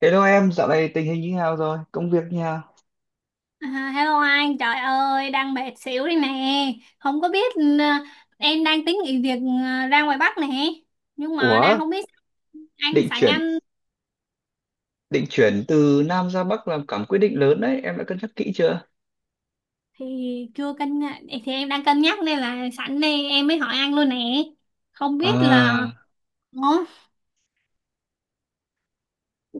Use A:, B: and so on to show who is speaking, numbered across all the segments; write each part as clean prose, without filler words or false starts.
A: Hello em, dạo này tình hình như nào rồi? Công việc như nào?
B: À, hello anh, trời ơi, đang mệt xỉu đây nè. Không có biết em đang tính nghỉ việc ra ngoài Bắc nè. Nhưng mà đang
A: Ủa,
B: không biết anh,
A: định
B: sẵn
A: chuyển
B: anh
A: định chuyển từ Nam ra Bắc là cả một quyết định lớn đấy, em đã cân nhắc kỹ chưa?
B: thì chưa cân nhắc- thì em đang cân nhắc, nên là sẵn đây em mới hỏi anh luôn nè. Không biết là.
A: À,
B: Ủa?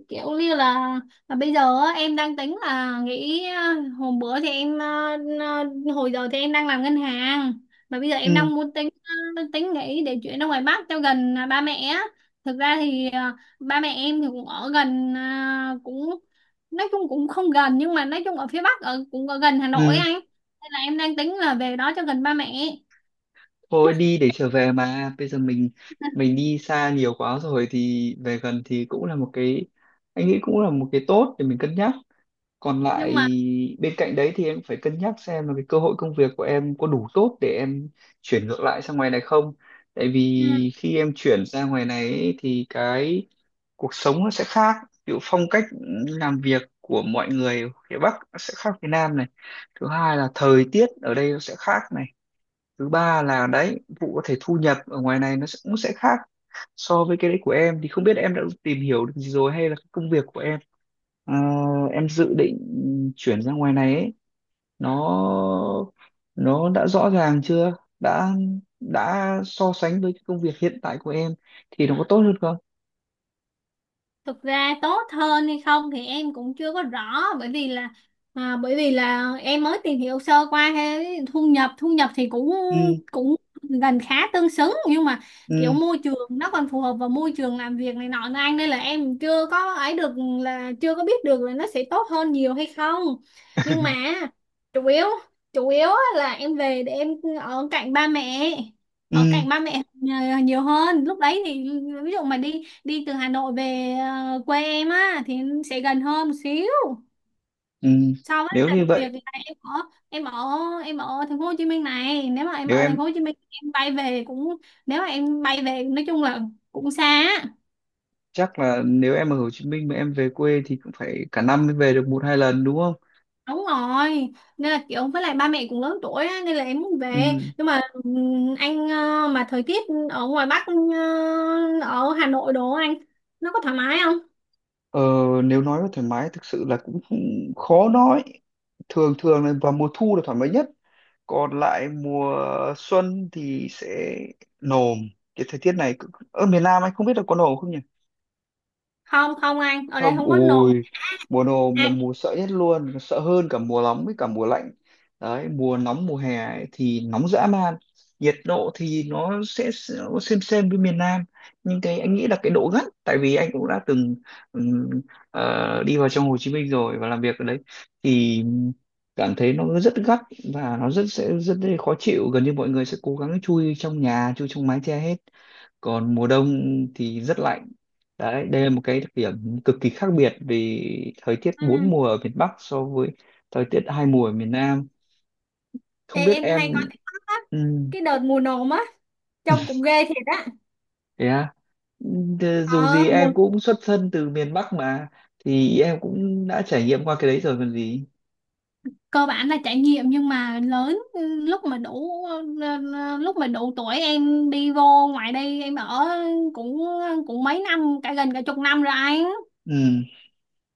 B: Kiểu như là, bây giờ á, em đang tính là nghĩ, hôm bữa thì em, hồi giờ thì em đang làm ngân hàng, mà bây giờ em
A: ừ,
B: đang muốn tính, tính nghĩ để chuyển ra ngoài Bắc cho gần, ba mẹ á. Thực ra thì, ba mẹ em thì cũng ở gần, cũng nói chung cũng không gần, nhưng mà nói chung ở phía Bắc ở cũng ở gần Hà Nội
A: ừ,
B: anh, nên là em đang tính là về đó cho gần ba mẹ,
A: Thôi đi để trở về mà. Bây giờ mình đi xa nhiều quá rồi thì về gần thì cũng là một cái, anh nghĩ cũng là một cái tốt để mình cân nhắc. Còn lại
B: nhưng mà
A: bên cạnh đấy thì em phải cân nhắc xem là cái cơ hội công việc của em có đủ tốt để em chuyển ngược lại sang ngoài này không? Tại
B: ừ,
A: vì khi em chuyển ra ngoài này ấy, thì cái cuộc sống nó sẽ khác, ví dụ phong cách làm việc của mọi người ở phía Bắc nó sẽ khác phía Nam này, thứ hai là thời tiết ở đây nó sẽ khác này, thứ ba là đấy vụ có thể thu nhập ở ngoài này nó sẽ, cũng sẽ khác so với cái đấy của em, thì không biết em đã tìm hiểu được gì rồi hay là cái công việc của em, ờ, em dự định chuyển ra ngoài này ấy, nó nó đã rõ ràng chưa, đã đã so sánh với cái công việc hiện tại của em thì nó có tốt hơn không.
B: thực ra tốt hơn hay không thì em cũng chưa có rõ, bởi vì là em mới tìm hiểu sơ qua cái thu nhập, thì cũng
A: Ừ.
B: cũng gần khá tương xứng, nhưng mà kiểu môi trường nó còn phù hợp vào môi trường làm việc này nọ nữa anh, nên là em chưa có ấy được, là chưa có biết được là nó sẽ tốt hơn nhiều hay không, nhưng mà chủ yếu chủ yếu á là em về để em ở cạnh ba mẹ, ở
A: Ừ.
B: cạnh ba mẹ nhiều nhiều hơn lúc đấy thì ví dụ mà đi đi từ Hà Nội về quê em á thì sẽ gần hơn một xíu.
A: Ừ,
B: Sau đó
A: nếu
B: là
A: như
B: việc
A: vậy,
B: là em ở em ở em ở thành phố Hồ Chí Minh này, nếu mà em
A: nếu
B: ở thành
A: em,
B: phố Hồ Chí Minh em bay về cũng, nếu mà em bay về nói chung là cũng xa á.
A: chắc là nếu em ở Hồ Chí Minh mà em về quê thì cũng phải cả năm mới về được một hai lần đúng không?
B: Đúng rồi, nên là kiểu với lại ba mẹ cũng lớn tuổi á, nên là em muốn về.
A: Ừ.
B: Nhưng mà anh, mà thời tiết ở ngoài Bắc, ở Hà Nội đồ anh, nó có thoải mái không?
A: Ờ, nếu nói về thoải mái thực sự là cũng khó nói. Thường thường là vào mùa thu là thoải mái nhất, còn lại mùa xuân thì sẽ nồm. Cái thời tiết ở miền Nam anh không biết là có nồm không nhỉ?
B: Không không, anh ở đây
A: Không,
B: không có nồm.
A: ui, mùa nồm là mùa sợ nhất luôn, sợ hơn cả mùa nóng với cả mùa lạnh. Đấy mùa nóng mùa hè ấy, thì nóng dã man, nhiệt độ thì nó sẽ nó xem với miền Nam, nhưng cái anh nghĩ là cái độ gắt, tại vì anh cũng đã từng, ừm, đi vào trong Hồ Chí Minh rồi và làm việc ở đấy, thì cảm thấy nó rất gắt và nó sẽ rất khó chịu, gần như mọi người sẽ cố gắng chui trong nhà chui trong mái che hết. Còn mùa đông thì rất lạnh. Đấy đây là một cái đặc điểm cực kỳ khác biệt vì thời tiết
B: à,
A: bốn mùa ở miền Bắc so với thời tiết hai mùa ở miền Nam.
B: Ê,
A: Không biết
B: em hay coi
A: em,
B: TikTok á,
A: ừ,
B: cái đợt mùa nồm á trông cũng ghê thiệt á.
A: thế à? Ừ, dù
B: Ờ
A: gì
B: mùa
A: em cũng xuất thân từ miền Bắc mà, thì em cũng đã trải nghiệm qua cái đấy rồi còn gì.
B: Cơ bản là trải nghiệm, nhưng mà lớn lúc mà đủ tuổi em đi vô ngoài đây em ở cũng cũng mấy năm, cả gần cả chục năm rồi anh.
A: Ừ.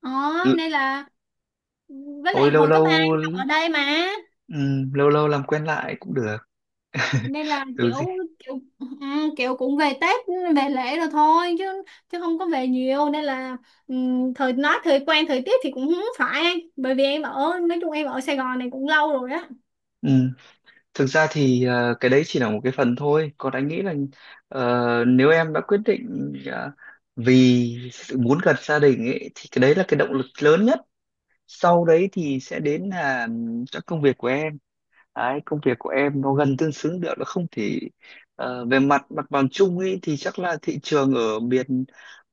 B: Đó
A: l-
B: nên là, với
A: Thôi
B: lại
A: lâu
B: hồi cấp ba
A: lâu,
B: em học ở đây mà.
A: ừ, lâu lâu làm quen lại cũng được.
B: Nên là
A: Dù
B: kiểu
A: gì,
B: kiểu à, kiểu cũng về Tết, về lễ rồi thôi, chứ chứ không có về nhiều, nên là thời nói thời quen thời tiết thì cũng không phải, bởi vì em ở, nói chung em ở Sài Gòn này cũng lâu rồi á.
A: ừ. Thực ra thì cái đấy chỉ là một cái phần thôi. Còn anh nghĩ là, ờ, nếu em đã quyết định, vì sự muốn gần gia đình ấy, thì cái đấy là cái động lực lớn nhất. Sau đấy thì sẽ đến là các công việc của em. Đấy, công việc của em nó gần tương xứng được nó không thể, về mặt mặt bằng chung ấy thì chắc là thị trường ở miền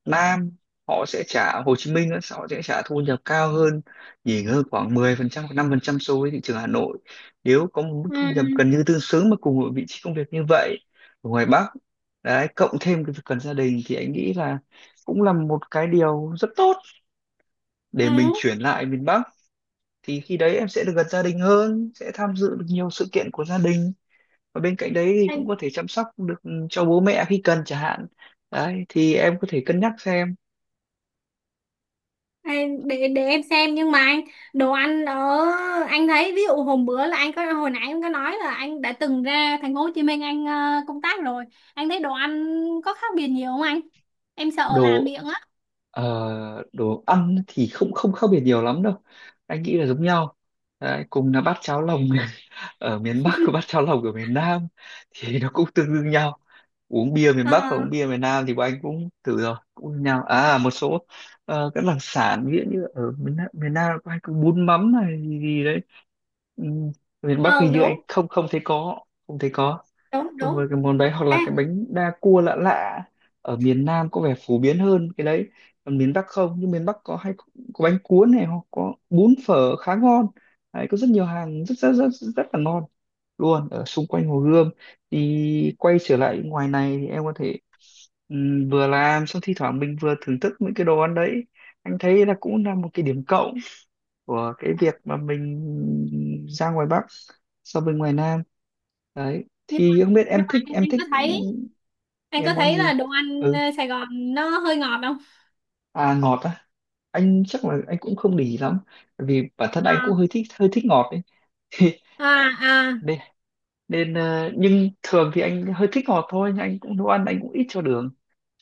A: Nam, họ sẽ trả, Hồ Chí Minh á, họ sẽ trả thu nhập cao hơn, nhỉnh hơn khoảng 10% hoặc 5% so với thị trường Hà Nội. Nếu có một mức thu nhập
B: Ừ.
A: gần như tương xứng mà cùng một vị trí công việc như vậy ở ngoài Bắc, đấy cộng thêm cái việc cần gia đình thì anh nghĩ là cũng là một cái điều rất tốt để mình
B: Ừ.
A: chuyển lại miền Bắc. Thì khi đấy em sẽ được gần gia đình hơn, sẽ tham dự được nhiều sự kiện của gia đình, và bên cạnh đấy thì cũng
B: Em-
A: có thể chăm sóc được, ừ, cho bố mẹ khi cần chẳng hạn. Đấy thì em có thể cân nhắc xem.
B: để em xem. Nhưng mà anh, đồ ăn ở, anh thấy ví dụ hôm bữa là anh có, hồi nãy anh có nói là anh đã từng ra thành phố Hồ Chí Minh anh công tác rồi, anh thấy đồ ăn có khác biệt nhiều không anh, em sợ làm
A: Đồ,
B: miệng á?
A: đồ ăn thì không không khác biệt nhiều lắm đâu, anh nghĩ là giống nhau. Đấy, cùng là bát cháo lòng ở miền Bắc và bát cháo lòng ở miền Nam thì nó cũng tương đương nhau. Uống bia miền
B: Ờ,
A: Bắc và uống bia miền Nam thì bọn anh cũng thử rồi cũng như nhau à, một số các đặc sản ví dụ như ở miền Nam có anh có bún mắm này gì, gì đấy. Ừm, Miền Bắc hình
B: ờ,
A: như anh
B: đúng,
A: không không thấy có, không thấy có.
B: đúng,
A: Đúng rồi,
B: đúng.
A: cái món đấy hoặc
B: Ê,
A: là cái bánh đa cua lạ lạ ở miền Nam có vẻ phổ biến hơn cái đấy, còn miền Bắc không, nhưng miền Bắc có hay có bánh cuốn này hoặc có bún phở khá ngon. Đấy có rất nhiều hàng rất rất rất rất là ngon luôn ở xung quanh Hồ Gươm. Thì quay trở lại ngoài này thì em có thể, vừa làm xong thi thoảng mình vừa thưởng thức những cái đồ ăn đấy. Anh thấy là cũng là một cái điểm cộng của cái việc mà mình ra ngoài Bắc so với ngoài Nam. Đấy
B: nhưng
A: thì
B: mà,
A: không biết
B: nhưng
A: em
B: mà
A: thích,
B: anh,
A: em thích
B: anh
A: em
B: có
A: món
B: thấy
A: gì.
B: là đồ ăn
A: Ừ,
B: ờ, Sài Gòn nó hơi ngọt không?
A: à ngọt á, anh chắc là anh cũng không để ý lắm. Bởi vì bản thân anh
B: À,
A: cũng hơi thích ngọt đấy.
B: à, à.
A: nên, nên, nhưng thường thì anh hơi thích ngọt thôi, nhưng anh cũng nấu ăn anh cũng ít cho đường,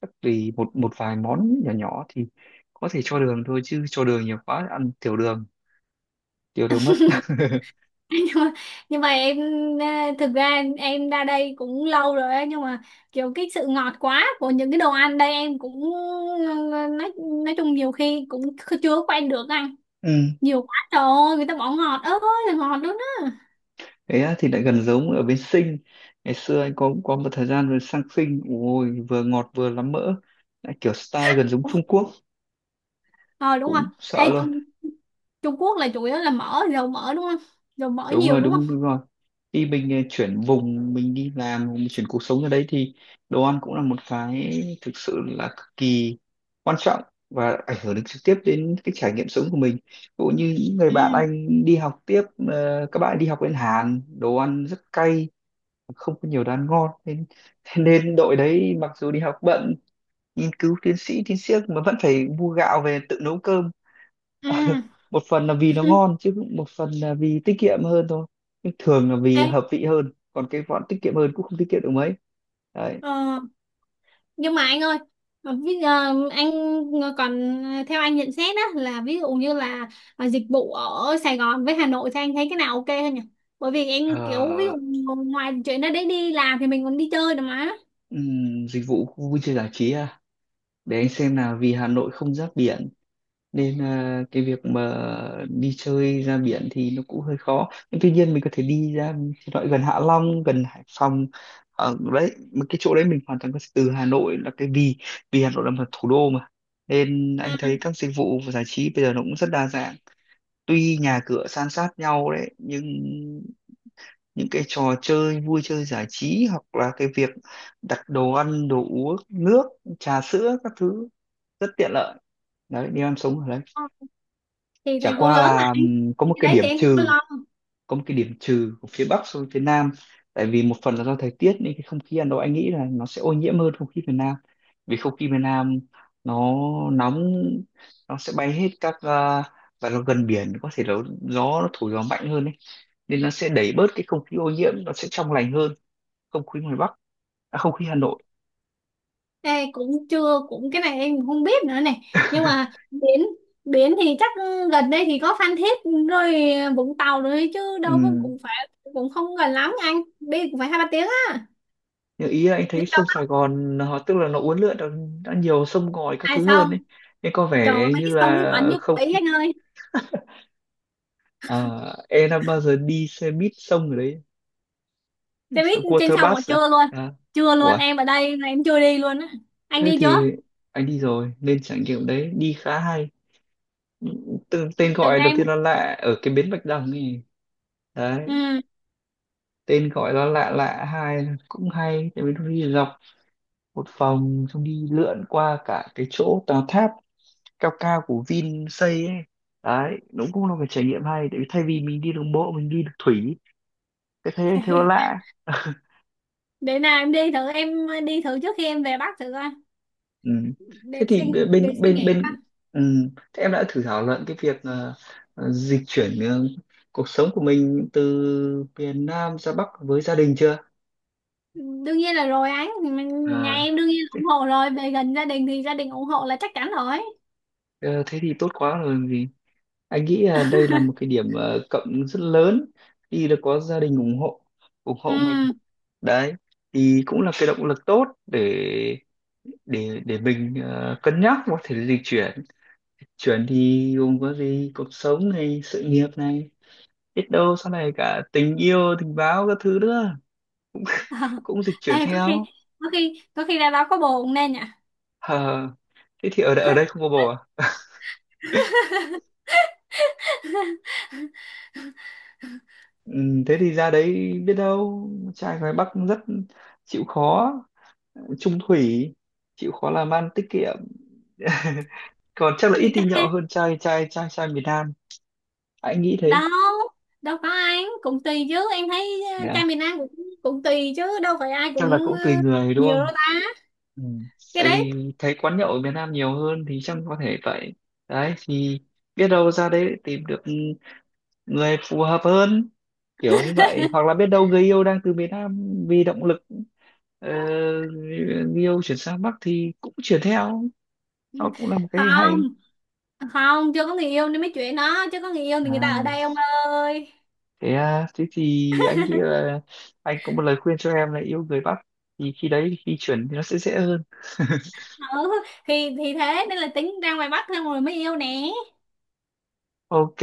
A: chắc vì một một vài món nhỏ nhỏ thì có thể cho đường thôi, chứ cho đường nhiều quá ăn tiểu đường, tiểu đường mất.
B: nhưng mà, nhưng mà em ờ, thực ra em, ra đây cũng lâu rồi ấy, nhưng mà kiểu cái sự ngọt quá của những cái đồ ăn đây em cũng ờ, nói nói chung nhiều khi cũng chưa quen được anh,
A: Ừ.
B: nhiều quá trời ơi, người ta bỏ ngọt ơi là ngọt luôn á.
A: Thế á, thì lại gần giống ở bên Sinh. Ngày xưa anh có một thời gian rồi sang Sinh, ôi vừa ngọt vừa lắm mỡ, lại kiểu style gần giống Trung Quốc,
B: Ờ, đúng rồi.
A: cũng sợ
B: Ê,
A: luôn.
B: Trung Trung Quốc là chủ yếu là mỡ, dầu mỡ đúng không, dầu mỡ
A: Đúng
B: nhiều
A: rồi,
B: đúng không?
A: đúng, đúng rồi. Khi mình chuyển vùng, mình đi làm, mình chuyển cuộc sống ở đấy thì đồ ăn cũng là một cái thực sự là cực kỳ quan trọng, và ảnh hưởng đến trực tiếp đến cái trải nghiệm sống của mình. Cũng như những người
B: Ừ.
A: bạn anh đi học tiếp, các bạn đi học bên Hàn, đồ ăn rất cay, không có nhiều đồ ăn ngon, nên thế nên đội đấy mặc dù đi học bận nghiên cứu tiến sĩ mà vẫn phải mua gạo về tự nấu cơm.
B: Ừ.
A: Một phần là vì nó ngon, chứ một phần là vì tiết kiệm hơn thôi, nhưng thường là vì
B: Ê,
A: hợp vị hơn, còn cái bọn tiết kiệm hơn cũng không tiết kiệm được mấy. Đấy.
B: ờ nhưng mà anh ơi, bây giờ anh còn, theo anh nhận xét á là ví dụ như là, dịch vụ ở Sài Gòn với Hà Nội thì anh thấy cái nào ok hơn nhỉ? Bởi vì em kiểu ví
A: Ờ,
B: dụ ngoài chuyện đó đấy, đi làm thì mình còn đi chơi được mà.
A: dịch vụ khu vui chơi giải trí à, để anh xem nào, vì Hà Nội không giáp biển, nên à, cái việc mà đi chơi ra biển thì nó cũng hơi khó, nhưng tuy nhiên mình có thể đi ra thì loại gần Hạ Long gần Hải Phòng. Ở đấy mà cái chỗ đấy mình hoàn toàn có thể từ Hà Nội là cái vì, vì Hà Nội là một thủ đô mà, nên anh
B: Ừ.
A: thấy các dịch vụ và giải trí bây giờ nó cũng rất đa dạng. Tuy nhà cửa san sát nhau đấy, nhưng những cái trò chơi vui chơi giải trí hoặc là cái việc đặt đồ ăn đồ uống nước trà sữa các thứ rất tiện lợi. Đấy nếu em sống ở,
B: Thì
A: chả
B: thành phố
A: qua
B: lớn mà
A: là
B: anh,
A: có
B: cái
A: một cái
B: đấy thì
A: điểm
B: em cũng có
A: trừ,
B: lo.
A: có một cái điểm trừ của phía Bắc so với phía Nam, tại vì một phần là do thời tiết nên cái không khí Hà Nội anh nghĩ là nó sẽ ô nhiễm hơn không khí miền Nam. Vì không khí miền Nam nó nóng, nó sẽ bay hết các, à, và nó gần biển có thể là gió nó thổi mạnh hơn ấy, nên nó sẽ đẩy bớt cái không khí ô nhiễm, nó sẽ trong lành hơn không khí ngoài Bắc, à, không khí Hà Nội.
B: Ê, cũng chưa cũng cái này em không biết nữa này. Nhưng mà biển, thì chắc gần đây thì có Phan Thiết rồi Vũng Tàu rồi, chứ đâu có,
A: Ừ.
B: cũng phải, cũng không gần lắm anh, đi cũng phải hai ba tiếng á.
A: Nhưng ý là anh
B: Đi,
A: thấy sông Sài Gòn họ tức là nó uốn lượn đã nhiều sông ngòi các
B: ai
A: thứ hơn
B: xong,
A: ấy, nên có
B: trời ơi,
A: vẻ
B: mấy
A: như
B: cái sông nước
A: là
B: bẩn như
A: không
B: quỷ
A: khí-
B: anh ơi.
A: à, em đã bao giờ đi xe buýt sông ở đấy,
B: Xe
A: xe
B: buýt trên
A: water
B: sông mà
A: bus à?
B: chưa luôn,
A: À, ủa,
B: em ở đây mà em chưa đi luôn á. Anh
A: thế
B: đi chưa?
A: thì anh đi rồi, nên trải nghiệm đấy đi khá hay. Từ, tên
B: Thử
A: gọi đầu
B: em.
A: tiên là lạ ở cái bến Bạch Đằng ấy, đấy
B: Ừ.
A: tên gọi nó lạ lạ, hai là cũng hay tại vì nó đi dọc một vòng xong đi lượn qua cả cái chỗ tòa tháp cao cao của Vin xây ấy. Đấy nó cũng là một cái trải nghiệm hay, tại vì thay vì mình đi đường bộ mình đi được thủy, cái thế thế nó lạ.
B: Để nào em đi thử, trước khi em về Bắc thử coi.
A: Ừ. Thế
B: để suy
A: thì
B: để
A: bên
B: suy
A: bên
B: nghĩ coi.
A: bên ừ. Thế em đã thử thảo luận cái việc, dịch chuyển, cuộc sống của mình từ miền Nam ra Bắc với gia đình chưa?
B: Đương nhiên là rồi anh. Nhà
A: À,
B: em đương nhiên là ủng
A: thế,
B: hộ rồi, về gần gia đình thì gia đình ủng hộ là chắc chắn rồi.
A: ờ, thế thì tốt quá rồi, anh nghĩ là đây là một cái điểm, cộng rất lớn khi đã có gia đình ủng hộ, ủng hộ mình.
B: Ừ.
A: Đấy thì cũng là cái động lực tốt để để mình, cân nhắc có thể dịch chuyển. Chuyển thì gồm có gì, cuộc sống này, sự nghiệp này, biết đâu sau này cả tình yêu tình báo các thứ nữa cũng dịch
B: Ê,
A: chuyển theo.
B: có khi ra đó có bồ cũng nên nhỉ.
A: Hờ, thế thì ở đây không có bồ à? Ừ, thế thì ra đấy biết đâu trai ngoài Bắc cũng rất chịu khó, trung thủy, chịu khó làm ăn tiết kiệm, còn chắc là ít đi nhậu
B: Chắc
A: hơn trai trai trai trai miền Nam, anh nghĩ
B: đâu
A: thế.
B: đâu có ai, cũng cũng tùy chứ, em thấy
A: Dạ.
B: trai miền Nam cũng, cũng tùy chứ đâu phải ai
A: Chắc là
B: cũng
A: cũng tùy
B: ờ,
A: người đúng
B: nhiều đâu
A: không.
B: ta,
A: Ừ.
B: cái
A: Tại vì
B: đấy.
A: thấy quán nhậu ở miền Nam nhiều hơn thì chắc có thể vậy. Đấy thì biết đâu ra đấy tìm được người phù hợp hơn, kiểu như vậy, hoặc là biết đâu người yêu đang từ miền Nam vì động lực, ờ, người yêu chuyển sang Bắc thì cũng chuyển theo, nó cũng là một cái hay.
B: Không không, chưa có người yêu nên mới chuyện đó chứ, có người yêu thì người ta ở
A: À
B: đây ông ơi.
A: thế à, thế thì anh nghĩ là anh có một lời khuyên cho em là yêu người Bắc, thì khi đấy khi chuyển thì nó sẽ dễ hơn.
B: Ừ, thì thế nên là tính ra ngoài Bắc thôi, rồi mới yêu nè.
A: Ok,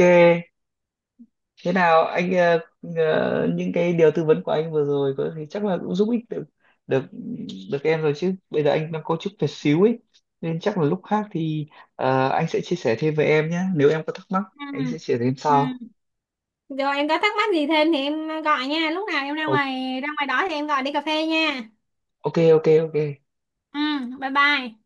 A: thế nào anh, những cái điều tư vấn của anh vừa rồi có thì chắc là cũng giúp ích được, được được em rồi, chứ bây giờ anh đang có chút việc xíu ấy, nên chắc là lúc khác thì, anh sẽ chia sẻ thêm với em nhé, nếu em có thắc mắc anh sẽ
B: Ừ.
A: chia sẻ thêm
B: Ừ.
A: sau.
B: Rồi em có thắc mắc gì thêm thì em gọi nha, lúc nào em ra
A: Ok,
B: ngoài, đó thì em gọi đi cà phê nha.
A: ok ok, ok.
B: Ừ, bye bye.